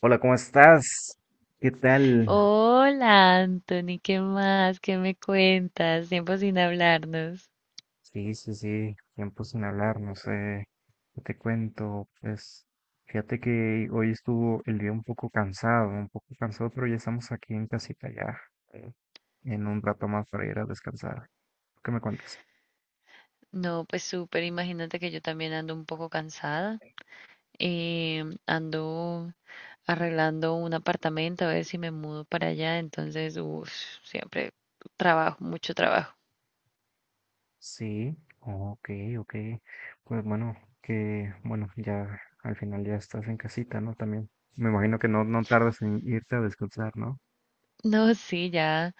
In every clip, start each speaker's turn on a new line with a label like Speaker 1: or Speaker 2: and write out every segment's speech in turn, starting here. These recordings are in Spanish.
Speaker 1: Hola, ¿cómo estás? ¿Qué tal?
Speaker 2: Hola, Anthony, ¿qué más? ¿Qué me cuentas? Tiempo sin hablarnos.
Speaker 1: Sí, sí, sí, tiempo sin hablar, no sé, ¿qué te cuento? Pues fíjate que hoy estuvo el día un poco cansado, pero ya estamos aquí en casita ya, eh, en un rato más para ir a descansar. ¿Qué me cuentas?
Speaker 2: No, pues súper, imagínate que yo también ando un poco cansada. Ando arreglando un apartamento a ver si me mudo para allá, entonces, uff, siempre trabajo, mucho trabajo.
Speaker 1: Sí, ok, ok. Pues bueno, que bueno, ya al final ya estás en casita, ¿no? También me imagino que no, no tardas en irte a descansar, ¿no?
Speaker 2: No, sí, ya.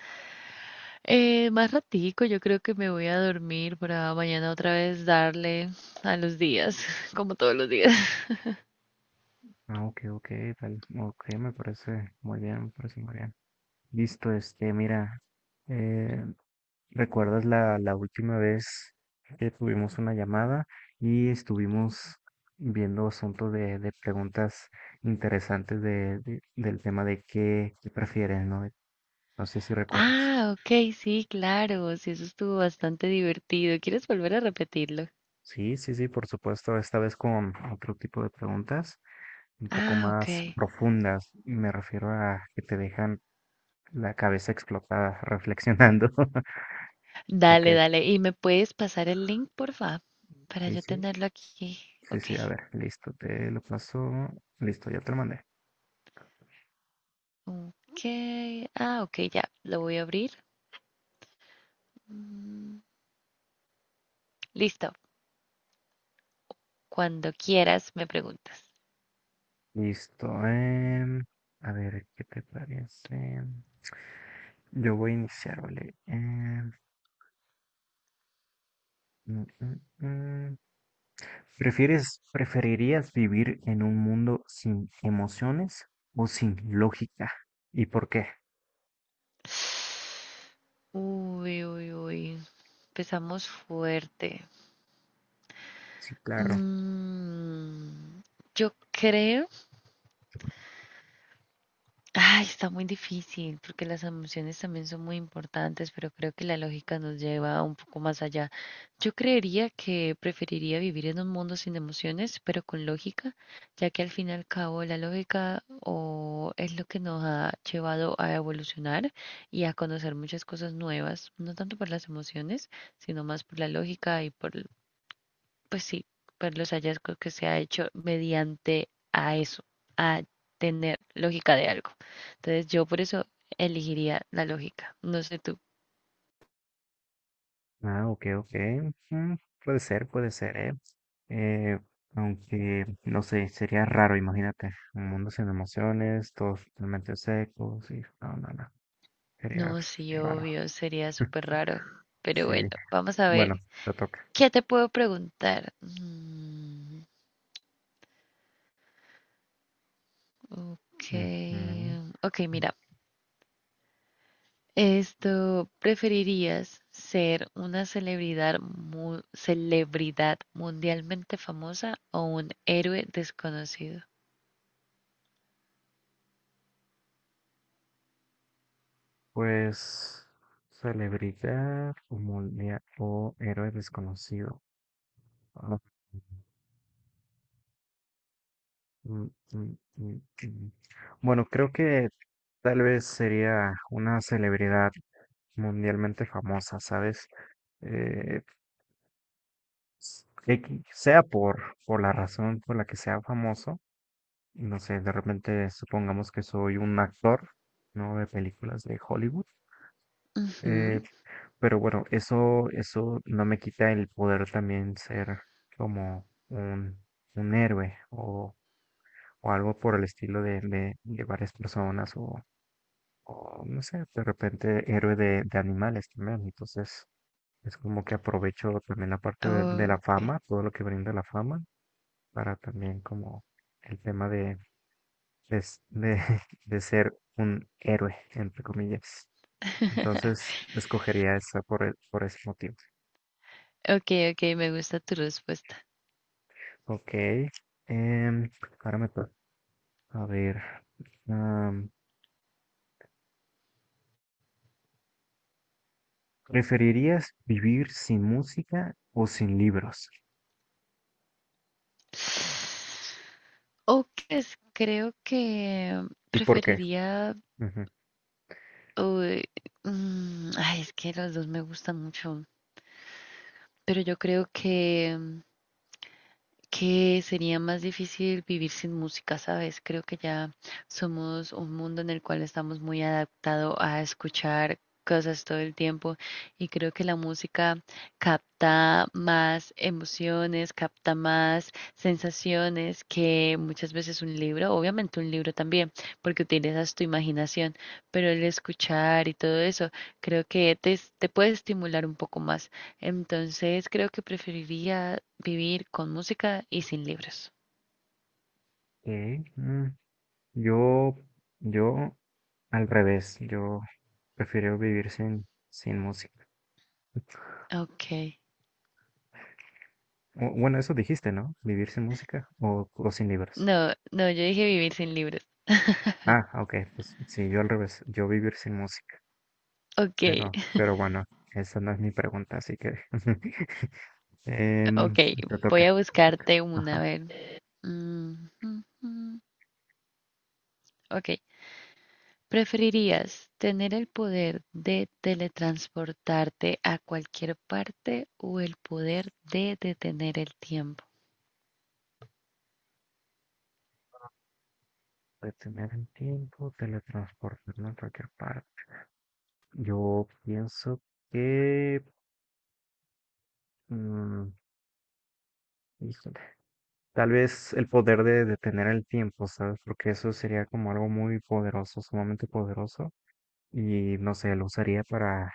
Speaker 2: Más ratico, yo creo que me voy a dormir para mañana otra vez darle a los días, como todos los días.
Speaker 1: Ah, ok, ok, tal, ok, me parece muy bien, me parece muy bien. Listo, este, mira, eh, ¿recuerdas la última vez que tuvimos una llamada y estuvimos viendo asuntos de preguntas interesantes del tema de qué prefieres, ¿no? No sé si recuerdas.
Speaker 2: Ah, ok, sí, claro, sí, eso estuvo bastante divertido. ¿Quieres volver a repetirlo?
Speaker 1: Sí, sí, sí, por supuesto, esta vez con otro tipo de preguntas, un poco
Speaker 2: Ah, ok.
Speaker 1: más profundas, y me refiero a que te dejan la cabeza explotada, reflexionando. Ok,
Speaker 2: Dale, dale. ¿Y me puedes pasar el link, porfa? Para
Speaker 1: sí,
Speaker 2: yo
Speaker 1: sí,
Speaker 2: tenerlo aquí.
Speaker 1: sí,
Speaker 2: Ok.
Speaker 1: sí, a ver, listo, te lo paso. Listo, ya te lo mandé.
Speaker 2: Ok. Ah, ok, ya. Lo voy a abrir. Mm. Listo. Cuando quieras, me preguntas.
Speaker 1: Listo, a ver, ¿qué te parece? Yo voy a iniciar, ¿vale? Mm, mm, mm. ¿Preferirías vivir en un mundo sin emociones o sin lógica? ¿Y por qué?
Speaker 2: Uy, uy, uy. Empezamos fuerte.
Speaker 1: Sí, claro.
Speaker 2: Mm, yo creo. Ay, está muy difícil porque las emociones también son muy importantes, pero creo que la lógica nos lleva un poco más allá. Yo creería que preferiría vivir en un mundo sin emociones, pero con lógica, ya que al fin y al cabo la lógica o es lo que nos ha llevado a evolucionar y a conocer muchas cosas nuevas, no tanto por las emociones, sino más por la lógica y por pues sí, por los hallazgos que se ha hecho mediante a eso, a tener lógica de algo. Entonces yo por eso elegiría la lógica. No sé tú.
Speaker 1: Ah, ok, ok. Mm, puede ser, ¿eh? Eh, aunque, no sé, sería raro, imagínate, un mundo sin emociones, todos totalmente secos, y no, no, no, sería
Speaker 2: No, sí,
Speaker 1: raro.
Speaker 2: obvio, sería súper raro. Pero
Speaker 1: Sí,
Speaker 2: bueno, vamos a
Speaker 1: bueno,
Speaker 2: ver.
Speaker 1: te toca.
Speaker 2: ¿Qué te puedo preguntar? Mm, ok,
Speaker 1: Ujú.
Speaker 2: ok, mira. Esto, ¿preferirías ser una celebridad, celebridad mundialmente famosa o un héroe desconocido?
Speaker 1: Pues, celebridad o, o héroe desconocido. Mm, mm, mm, mm. Bueno, creo que tal vez sería una celebridad mundialmente famosa, ¿sabes? Eh, sea por, la razón por la que sea famoso, no sé, de repente supongamos que soy un actor, ¿no? De películas de Hollywood. eh,
Speaker 2: Ujú.
Speaker 1: pero bueno, eso no me quita el poder también ser como un héroe o algo por el estilo de, de varias personas o, no sé, de repente héroe de animales también. Entonces es como que aprovecho también la parte de la
Speaker 2: Okey.
Speaker 1: fama, todo lo que brinda la fama, para también como el tema de, de, de, de ser un héroe, entre comillas. Entonces escogería esa por, por ese motivo.
Speaker 2: Okey, okey, me gusta tu respuesta.
Speaker 1: Ok. em, ahora me toca. A ver. am, ¿preferirías vivir sin música o sin libros?
Speaker 2: Oh, pues, creo que
Speaker 1: ¿Y por qué?
Speaker 2: preferiría,
Speaker 1: Ujú.
Speaker 2: uy, mm, ay, es que los 2 me gustan mucho, pero yo creo que sería más difícil vivir sin música, ¿sabes? Creo que ya somos un mundo en el cual estamos muy adaptados a escuchar cosas todo el tiempo y creo que la música capta más emociones, capta más sensaciones que muchas veces un libro, obviamente un libro también, porque utilizas tu imaginación, pero el escuchar y todo eso creo que te puede estimular un poco más. Entonces creo que preferiría vivir con música y sin libros.
Speaker 1: Eh, mm, Yo, yo, al revés, yo prefiero vivir sin, música.
Speaker 2: Ok.
Speaker 1: Bueno, eso dijiste, ¿no? Vivir sin música o sin libros.
Speaker 2: No, no, yo dije vivir sin libros.
Speaker 1: Ah, ok, pues sí, yo al revés, yo vivir sin música.
Speaker 2: Ok,
Speaker 1: Pero bueno, esa no es mi pregunta, así que Em,
Speaker 2: ok.
Speaker 1: te
Speaker 2: Voy
Speaker 1: toca.
Speaker 2: a
Speaker 1: Te toca.
Speaker 2: buscarte una, a
Speaker 1: Ajá.
Speaker 2: ver. Mm, mm, mm. Ok. ¿Preferirías tener el poder de teletransportarte a cualquier parte o el poder de detener el tiempo?
Speaker 1: Detener el tiempo, teletransportarme a cualquier parte. Yo pienso que mm, Híjole. Tal vez el poder de detener el tiempo, ¿sabes? Porque eso sería como algo muy poderoso, sumamente poderoso. Y no sé, lo usaría para,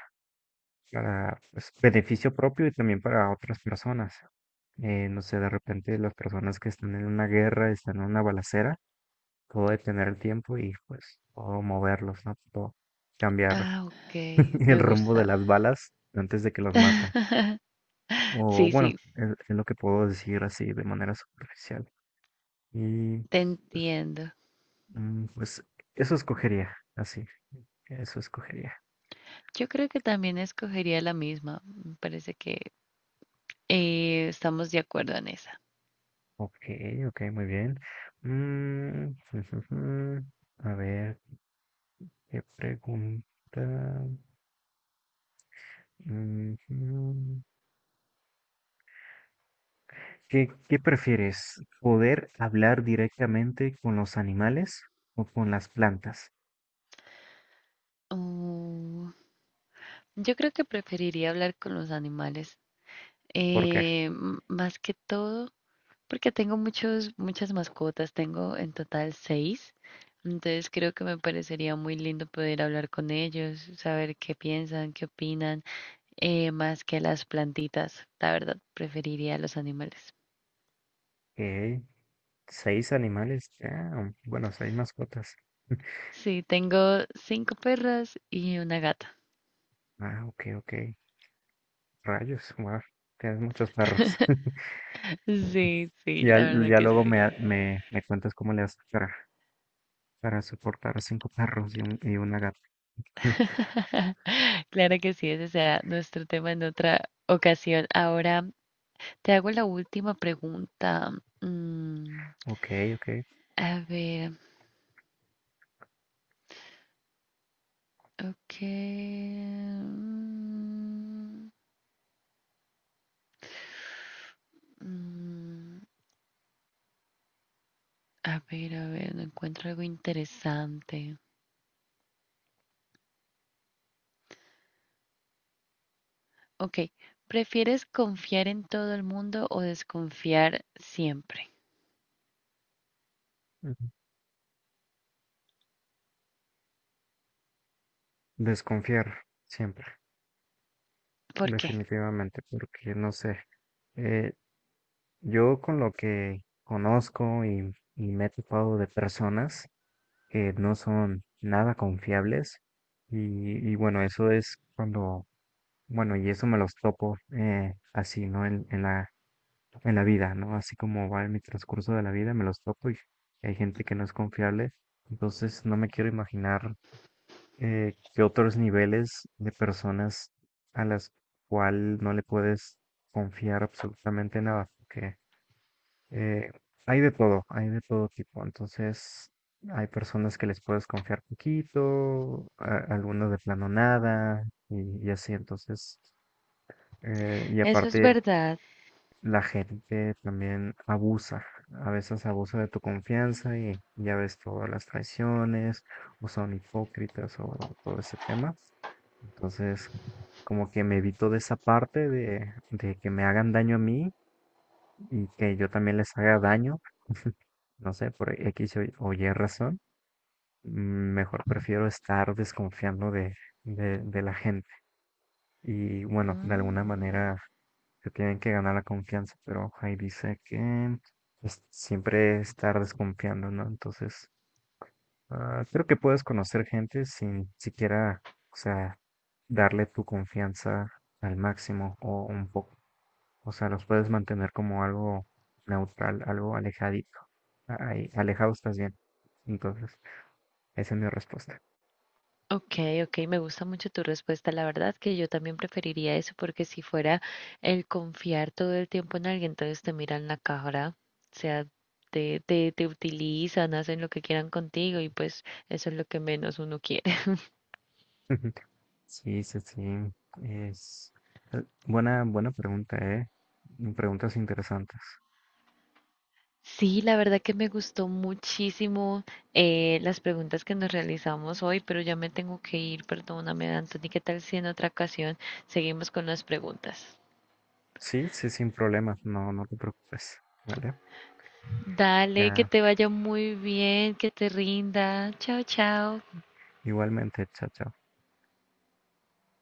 Speaker 1: pues, beneficio propio y también para otras personas. No sé, de repente las personas que están en una guerra, están en una balacera, puedo detener el tiempo y pues puedo moverlos, ¿no? Puedo cambiar
Speaker 2: Ah, ok.
Speaker 1: el
Speaker 2: Me
Speaker 1: rumbo de
Speaker 2: gusta.
Speaker 1: las balas antes de que los maten. O
Speaker 2: Sí,
Speaker 1: bueno,
Speaker 2: sí,
Speaker 1: es lo que puedo decir así de manera superficial. Y
Speaker 2: te
Speaker 1: pues,
Speaker 2: entiendo.
Speaker 1: Mm, Pues eso escogería, así, eso escogería.
Speaker 2: Yo creo que también escogería la misma. Me parece que estamos de acuerdo en esa.
Speaker 1: Ok, ok, muy bien. Mm, A ver, ¿qué pregunta? Ujú. Qué prefieres? ¿Poder hablar directamente con los animales o con las plantas?
Speaker 2: Mm, yo creo que preferiría hablar con los animales,
Speaker 1: Porque
Speaker 2: más que todo, porque tengo muchas mascotas, tengo en total seis, entonces creo que me parecería muy lindo poder hablar con ellos, saber qué piensan, qué opinan, más que las plantitas. La verdad, preferiría los animales.
Speaker 1: ok, seis animales, ah, bueno, seis mascotas.
Speaker 2: Sí, tengo cinco perras y una gata.
Speaker 1: Ah, ok, ok. Rayos, wow, tienes muchos perros.
Speaker 2: Sí, sí,
Speaker 1: Y ya,
Speaker 2: la verdad
Speaker 1: ya
Speaker 2: que
Speaker 1: luego
Speaker 2: sí.
Speaker 1: me cuentas cómo le haces para, soportar cinco perros y, y una gata.
Speaker 2: Claro que sí, ese será nuestro tema en otra ocasión. Ahora te hago la última pregunta. Mm,
Speaker 1: Ok, ok.
Speaker 2: a ver, ok. Mm, mm, a ver, no encuentro algo interesante. Ok, ¿prefieres confiar en todo el mundo o desconfiar siempre?
Speaker 1: Ujú. Desconfiar siempre,
Speaker 2: ¿Por qué?
Speaker 1: definitivamente, porque no sé. eh, yo con lo que conozco y me he topado de personas que no son nada confiables y bueno, eso es cuando, bueno, y eso me los topo así, ¿no? En la vida, ¿no? Así como va en mi transcurso de la vida, me los topo y hay gente que no es confiable. Entonces, no me quiero imaginar qué otros niveles de personas a las cual no le puedes confiar absolutamente nada, porque eh, hay de todo tipo. Entonces, hay personas que les puedes confiar poquito, algunas de plano nada, y así. Entonces, y
Speaker 2: Eso es
Speaker 1: aparte
Speaker 2: verdad.
Speaker 1: la gente también abusa, a veces abusa de tu confianza y ya ves todas las traiciones, o son hipócritas, o bueno, todo ese tema. Entonces, como que me evito de esa parte de, que me hagan daño a mí y que yo también les haga daño, no sé, por X o Y razón. Mejor prefiero estar desconfiando de la gente. Y bueno, de alguna
Speaker 2: Mm.
Speaker 1: manera se tienen que ganar la confianza, pero ahí dice que pues, siempre estar desconfiando, ¿no? Entonces, ah, creo que puedes conocer gente sin siquiera, o sea, darle tu confianza al máximo o un poco. O sea, los puedes mantener como algo neutral, algo alejadito. Ahí, alejados estás bien. Entonces, esa es mi respuesta.
Speaker 2: Ok, ok, me gusta mucho tu respuesta. La verdad que yo también preferiría eso porque si fuera el confiar todo el tiempo en alguien, entonces te miran la cara, o sea, te utilizan, hacen lo que quieran contigo y pues eso es lo que menos uno quiere.
Speaker 1: Sí, sí, sí. Es buena, buena pregunta, ¿eh? Preguntas interesantes.
Speaker 2: Sí, la verdad que me gustó muchísimo las preguntas que nos realizamos hoy, pero ya me tengo que ir, perdóname, Anthony, ¿qué tal si en otra ocasión seguimos con las preguntas?
Speaker 1: Sí, sí, sin problemas. No, no te preocupes. ¿Vale?
Speaker 2: Dale, que
Speaker 1: Ya,
Speaker 2: te vaya muy bien, que te rinda. Chao, chao.
Speaker 1: igualmente, chao, chao.